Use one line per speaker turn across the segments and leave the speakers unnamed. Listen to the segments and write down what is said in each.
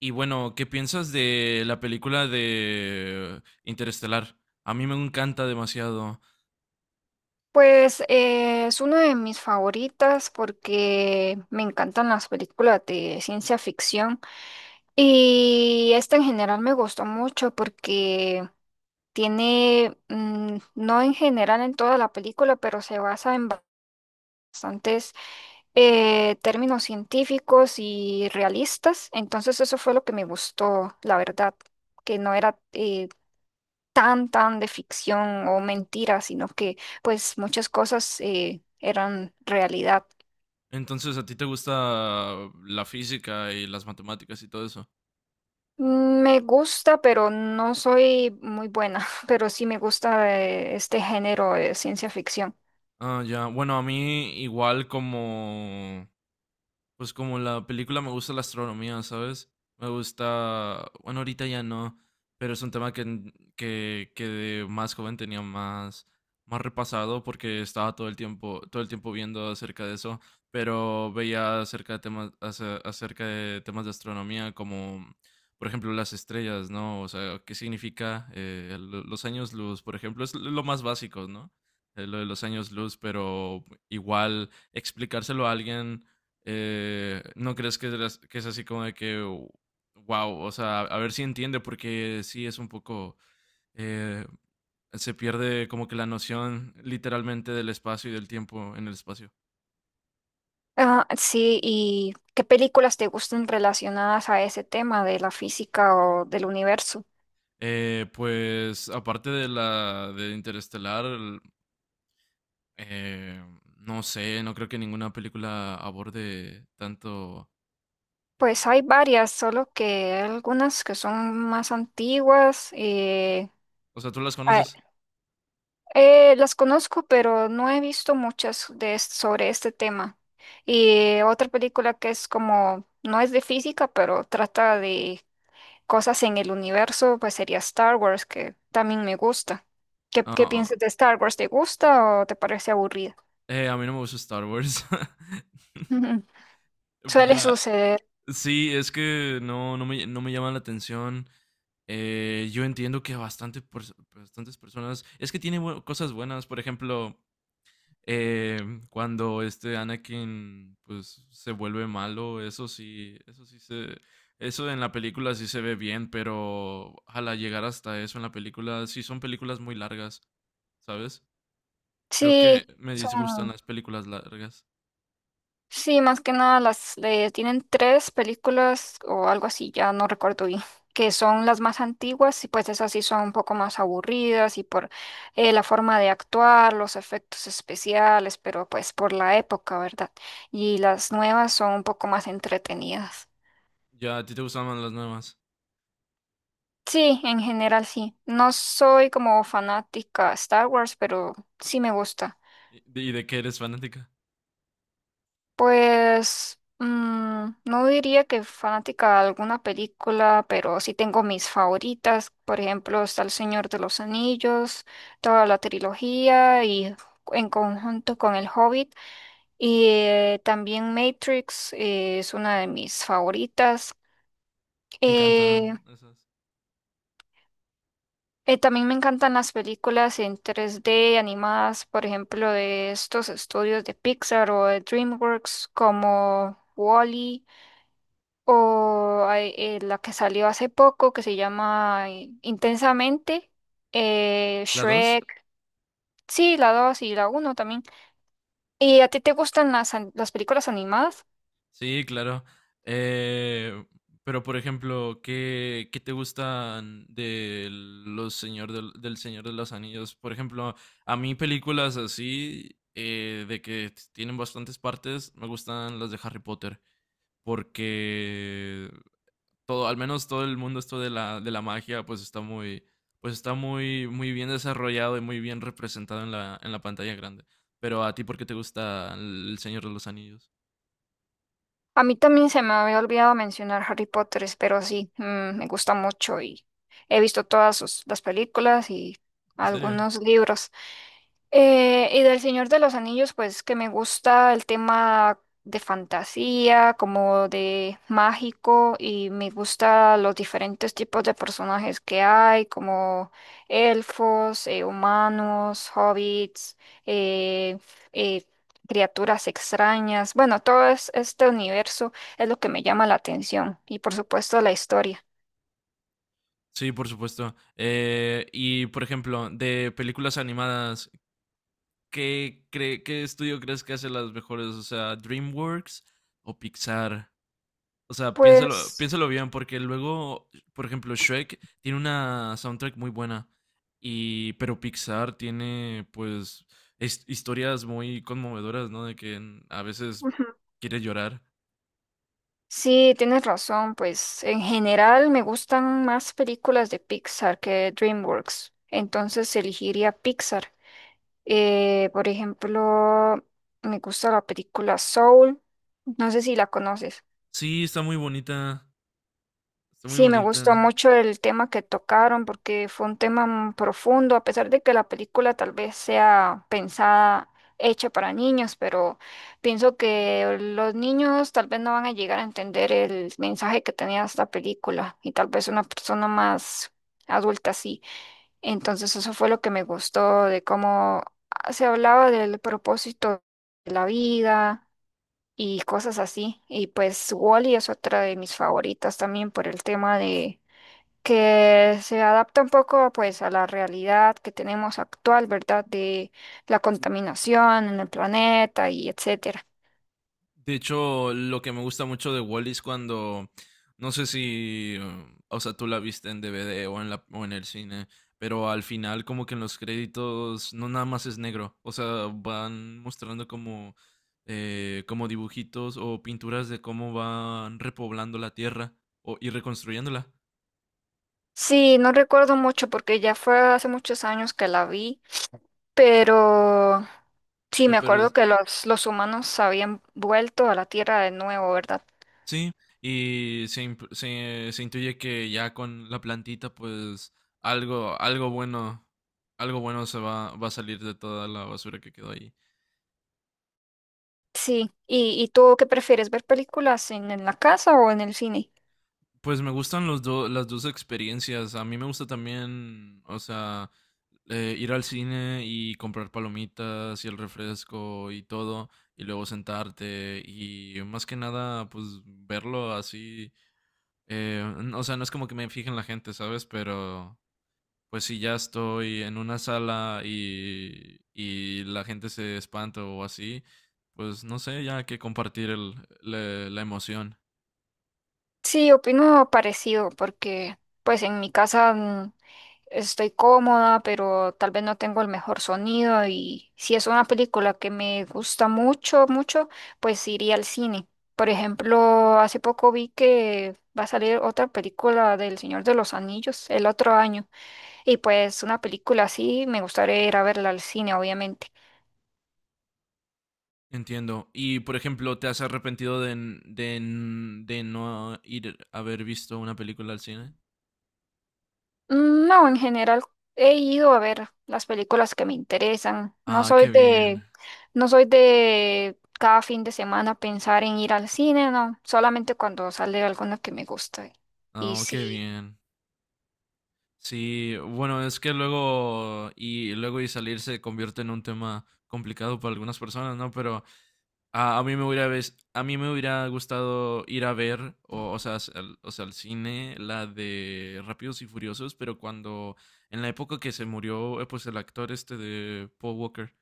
Y bueno, ¿qué piensas de la película de Interestelar? A mí me encanta demasiado.
Pues es una de mis favoritas porque me encantan las películas de ciencia ficción y esta en general me gustó mucho porque tiene, no en general en toda la película, pero se basa en bastantes términos científicos y realistas. Entonces eso fue lo que me gustó, la verdad, que no era tan de ficción o mentira, sino que pues muchas cosas eran realidad.
Entonces, ¿a ti te gusta la física y las matemáticas y todo eso?
Me gusta, pero no soy muy buena, pero sí me gusta este género de ciencia ficción.
Ah, ya. Bueno, a mí igual como pues como la película me gusta la astronomía, ¿sabes? Me gusta, bueno, ahorita ya no, pero es un tema que, que de más joven tenía más, más repasado porque estaba todo el tiempo viendo acerca de eso, pero veía acerca de temas, acerca de temas de astronomía como, por ejemplo, las estrellas, ¿no? O sea, ¿qué significa los años luz, por ejemplo? Es lo más básico, ¿no? Lo de los años luz, pero igual explicárselo a alguien ¿no crees que es, que es así como de que, wow, o sea, a ver si entiende, porque sí es un poco, eh, se pierde como que la noción literalmente del espacio y del tiempo en el espacio.
Ah, sí, ¿y qué películas te gustan relacionadas a ese tema de la física o del universo?
Pues aparte de la de Interestelar, eh, no sé, no creo que ninguna película aborde tanto.
Pues
eh,
hay varias, solo que hay algunas que son más antiguas.
o sea, ¿tú las conoces?
Las conozco, pero no he visto muchas sobre este tema. Y otra película que es como, no es de física, pero trata de cosas en el universo, pues sería Star Wars, que también me gusta. ¿Qué,
Ah,
qué
ah,
piensas de Star Wars? ¿Te gusta o te parece aburrida?
a mí no me gusta Star Wars.
Suele
Ya,
suceder.
sí, es que no, no me llama la atención. Yo entiendo que a bastante, bastantes personas. Es que tiene cosas buenas. Por ejemplo, cuando este Anakin pues se vuelve malo. Eso sí. Eso sí se. Eso en la película sí se ve bien. Pero ojalá llegar hasta eso en la película. Sí, son películas muy largas. ¿Sabes? Creo que
Sí,
me disgustan
son.
las películas largas.
Sí, más que nada las tienen tres películas o algo así, ya no recuerdo bien, que son las más antiguas y pues esas sí son un poco más aburridas y por la forma de actuar, los efectos especiales, pero pues por la época, ¿verdad? Y las nuevas son un poco más entretenidas.
Ya, ¿a ti te gustan más las nuevas?
Sí, en general sí. No soy como fanática de Star Wars, pero sí me gusta.
¿Y de qué eres fanática?
Pues no diría que fanática de alguna película, pero sí tengo mis favoritas. Por ejemplo, está El Señor de los Anillos, toda la trilogía y en conjunto con El Hobbit. Y también Matrix es una de mis favoritas.
Me encantan
Eh,
esas.
también me encantan las películas en tres d animadas, por ejemplo, de estos estudios de Pixar o de DreamWorks como Wall-E. O hay, la que salió hace poco, que se llama Intensamente,
¿La 2?
Shrek, sí, la 2 y la uno también. ¿Y a ti te gustan las, las películas animadas?
Sí, claro. Eh, pero, por ejemplo, ¿qué, qué te gustan de los del Señor de los Anillos? Por ejemplo, a mí películas así, de que tienen bastantes partes, me gustan las de Harry Potter, porque todo, al menos todo el mundo esto de de la magia, pues está muy, muy bien desarrollado y muy bien representado en en la pantalla grande. Pero a ti, ¿por qué te gusta El Señor de los Anillos?
A mí también se me había olvidado mencionar Harry Potter, pero sí, me gusta mucho y he visto todas las películas y
¿En serio?
algunos libros. Y del Señor de los Anillos, pues que me gusta el tema de fantasía, como de mágico, y me gusta los diferentes tipos de personajes que hay, como elfos, humanos, hobbits, eh, eh, criaturas extrañas. Bueno, este universo es lo que me llama la atención, y por supuesto la historia.
Sí, por supuesto. Y por ejemplo, de películas animadas, ¿qué estudio crees que hace las mejores? O sea, ¿DreamWorks o Pixar? O sea, piénsalo,
Pues...
piénsalo bien, porque luego, por ejemplo, Shrek tiene una soundtrack muy buena, pero Pixar tiene, pues, historias muy conmovedoras, ¿no? A veces quiere llorar.
Sí, tienes razón, pues en general me gustan más películas de Pixar que DreamWorks, entonces elegiría Pixar. Por ejemplo, me gusta la película Soul, no sé si la conoces.
Sí, está muy bonita, está muy
Sí, me gustó
bonita.
mucho el tema que tocaron porque fue un tema profundo, a pesar de que la película tal vez sea pensada, hecha para niños, pero pienso que los niños tal vez no van a llegar a entender el mensaje que tenía esta película y tal vez una persona más adulta sí. Entonces eso fue lo que me gustó de cómo se hablaba del propósito de la vida y cosas así. Y pues Wall-E es otra de mis favoritas también por el tema de que se adapta un poco pues a la realidad que tenemos actual, ¿verdad? De la contaminación en el planeta y etcétera.
De hecho, lo que me gusta mucho de Wally es cuando, no sé si, o sea, tú la viste en DVD o en o en el cine, pero al final como que en los créditos no nada más es negro, o sea, van mostrando como, como dibujitos o pinturas de cómo van repoblando la tierra y reconstruyéndola.
Sí, no recuerdo mucho porque ya fue hace muchos años que la vi, pero sí
Eh,
me
Pero
acuerdo
es-
que los humanos habían vuelto a la Tierra de nuevo, ¿verdad?
Sí, y se, se intuye que ya con la plantita, pues algo, algo bueno va a salir de toda la basura que quedó ahí.
Sí. Y tú qué prefieres ver películas en la casa o en el cine?
Pues me gustan las dos experiencias. A mí me gusta también, o sea, ir al cine y comprar palomitas y el refresco y todo, y luego sentarte y más que nada, pues verlo así. O sea, no es como que me fije en la gente, ¿sabes? Pero pues si ya estoy en una sala y la gente se espanta o así, pues no sé, ya hay que compartir la emoción.
Sí, opino parecido porque pues en mi casa estoy cómoda, pero tal vez no tengo el mejor sonido y si es una película que me gusta mucho, mucho, pues iría al cine. Por ejemplo, hace poco vi que va a salir otra película del Señor de los Anillos el otro año y pues una película así me gustaría ir a verla al cine, obviamente.
Entiendo. Y por ejemplo, ¿te has arrepentido de, de no ir a haber visto una película al cine?
Mm, no, en general he ido a ver las películas que me interesan. No
Ah,
soy
qué bien.
de, no soy de cada fin de semana pensar en ir al cine, no. Solamente cuando sale alguna que me gusta. Y
Oh, qué
sí.
bien. Sí, bueno, es que luego y salir se convierte en un tema complicado para algunas personas, ¿no? Pero a mí me hubiera a mí me hubiera gustado ir a ver, o sea, o sea, al cine, la de Rápidos y Furiosos, pero cuando, en la época que se murió, pues el actor este de Paul Walker,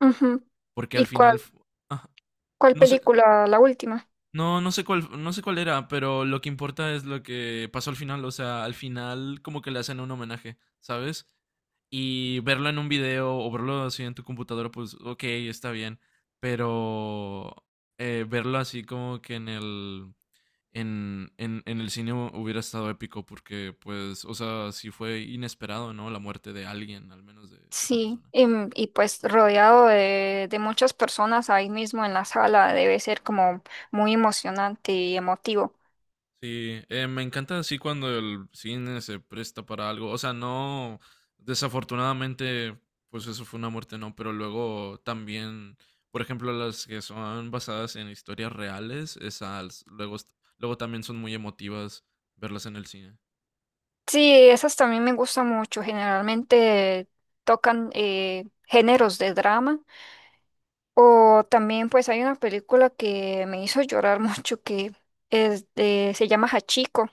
Ujú.
porque al
¿Y cuál,
final, ah,
cuál
no sé,
película? La última.
no, no sé cuál, no sé cuál era, pero lo que importa es lo que pasó al final, o sea, al final como que le hacen un homenaje, ¿sabes? Y verlo en un video o verlo así en tu computadora, pues ok, está bien. Pero verlo así como que en en el cine hubiera estado épico porque, pues, o sea, sí fue inesperado, ¿no? La muerte de alguien, al menos de esa
Sí.
persona.
Y, pues rodeado de muchas personas ahí mismo en la sala debe ser como muy emocionante y emotivo.
Sí, me encanta así cuando el cine se presta para algo. O sea, no, desafortunadamente, pues eso fue una muerte, no, pero luego también, por ejemplo, las que son basadas en historias reales, esas luego, luego también son muy emotivas verlas en el cine.
Sí, esas también me gustan mucho. Generalmente tocan géneros de drama. O también pues hay una película que me hizo llorar mucho que se llama Hachiko,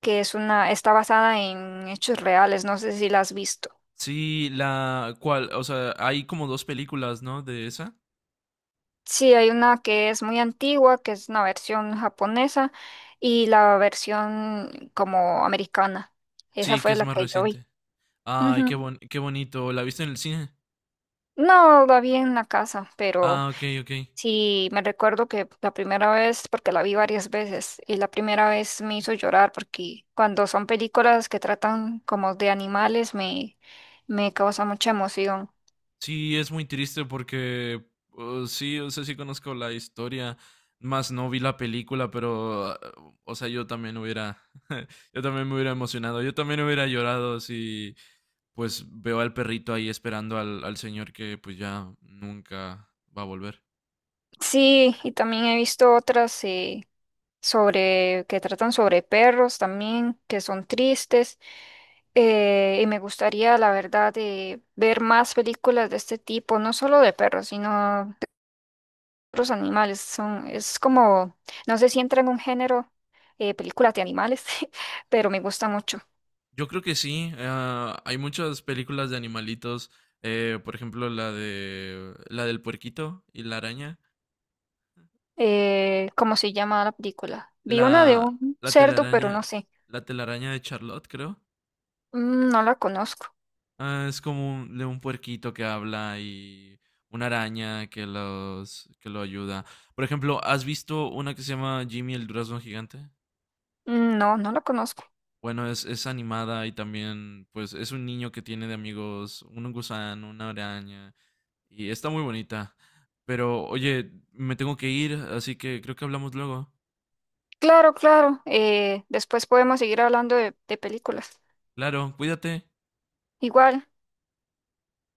que es una, está basada en hechos reales. No sé si la has visto.
Sí, la cual, o sea, hay como dos películas, ¿no? De esa.
Sí, hay una que es muy antigua, que es una versión japonesa y la versión como americana. Esa
Sí, que
fue
es
la
más
que yo vi.
reciente. Ay,
Ujú.
qué bonito. ¿La viste en el cine?
No, la vi en la casa, pero...
Ah, ok, ok.
Sí, me recuerdo que la primera vez, porque la vi varias veces, y la primera vez me hizo llorar porque cuando son películas que tratan como de animales me, me causa mucha emoción.
Sí, es muy triste porque sí, o sea, sí conozco la historia, más no vi la película, pero, o sea, yo también hubiera, yo también me hubiera emocionado, yo también hubiera llorado si, pues, veo al perrito ahí esperando al señor que, pues, ya nunca va a volver.
Sí, y también he visto otras sobre que tratan sobre perros también, que son tristes, y me gustaría, la verdad, de ver más películas de este tipo, no solo de perros, sino otros animales. Son, es como, no sé si entra en un género, películas de animales, pero me gusta mucho.
Yo creo que sí, ah, hay muchas películas de animalitos, por ejemplo, la del puerquito y la araña,
¿Cómo se llama la película? Vi una de
la,
un
la
cerdo, pero no
telaraña,
sé.
la telaraña de Charlotte, creo.
Mm, no la conozco.
Ah, es como un, de un puerquito que habla y una araña que los que lo ayuda. Por ejemplo, ¿has visto una que se llama Jimmy el durazno gigante?
Mm, no, no la conozco.
Bueno, es animada y también, pues, es un niño que tiene de amigos un gusano, una araña y está muy bonita. Pero, oye, me tengo que ir, así que creo que hablamos luego.
Claro, claro. Después podemos seguir hablando de películas.
Claro, cuídate.
Igual.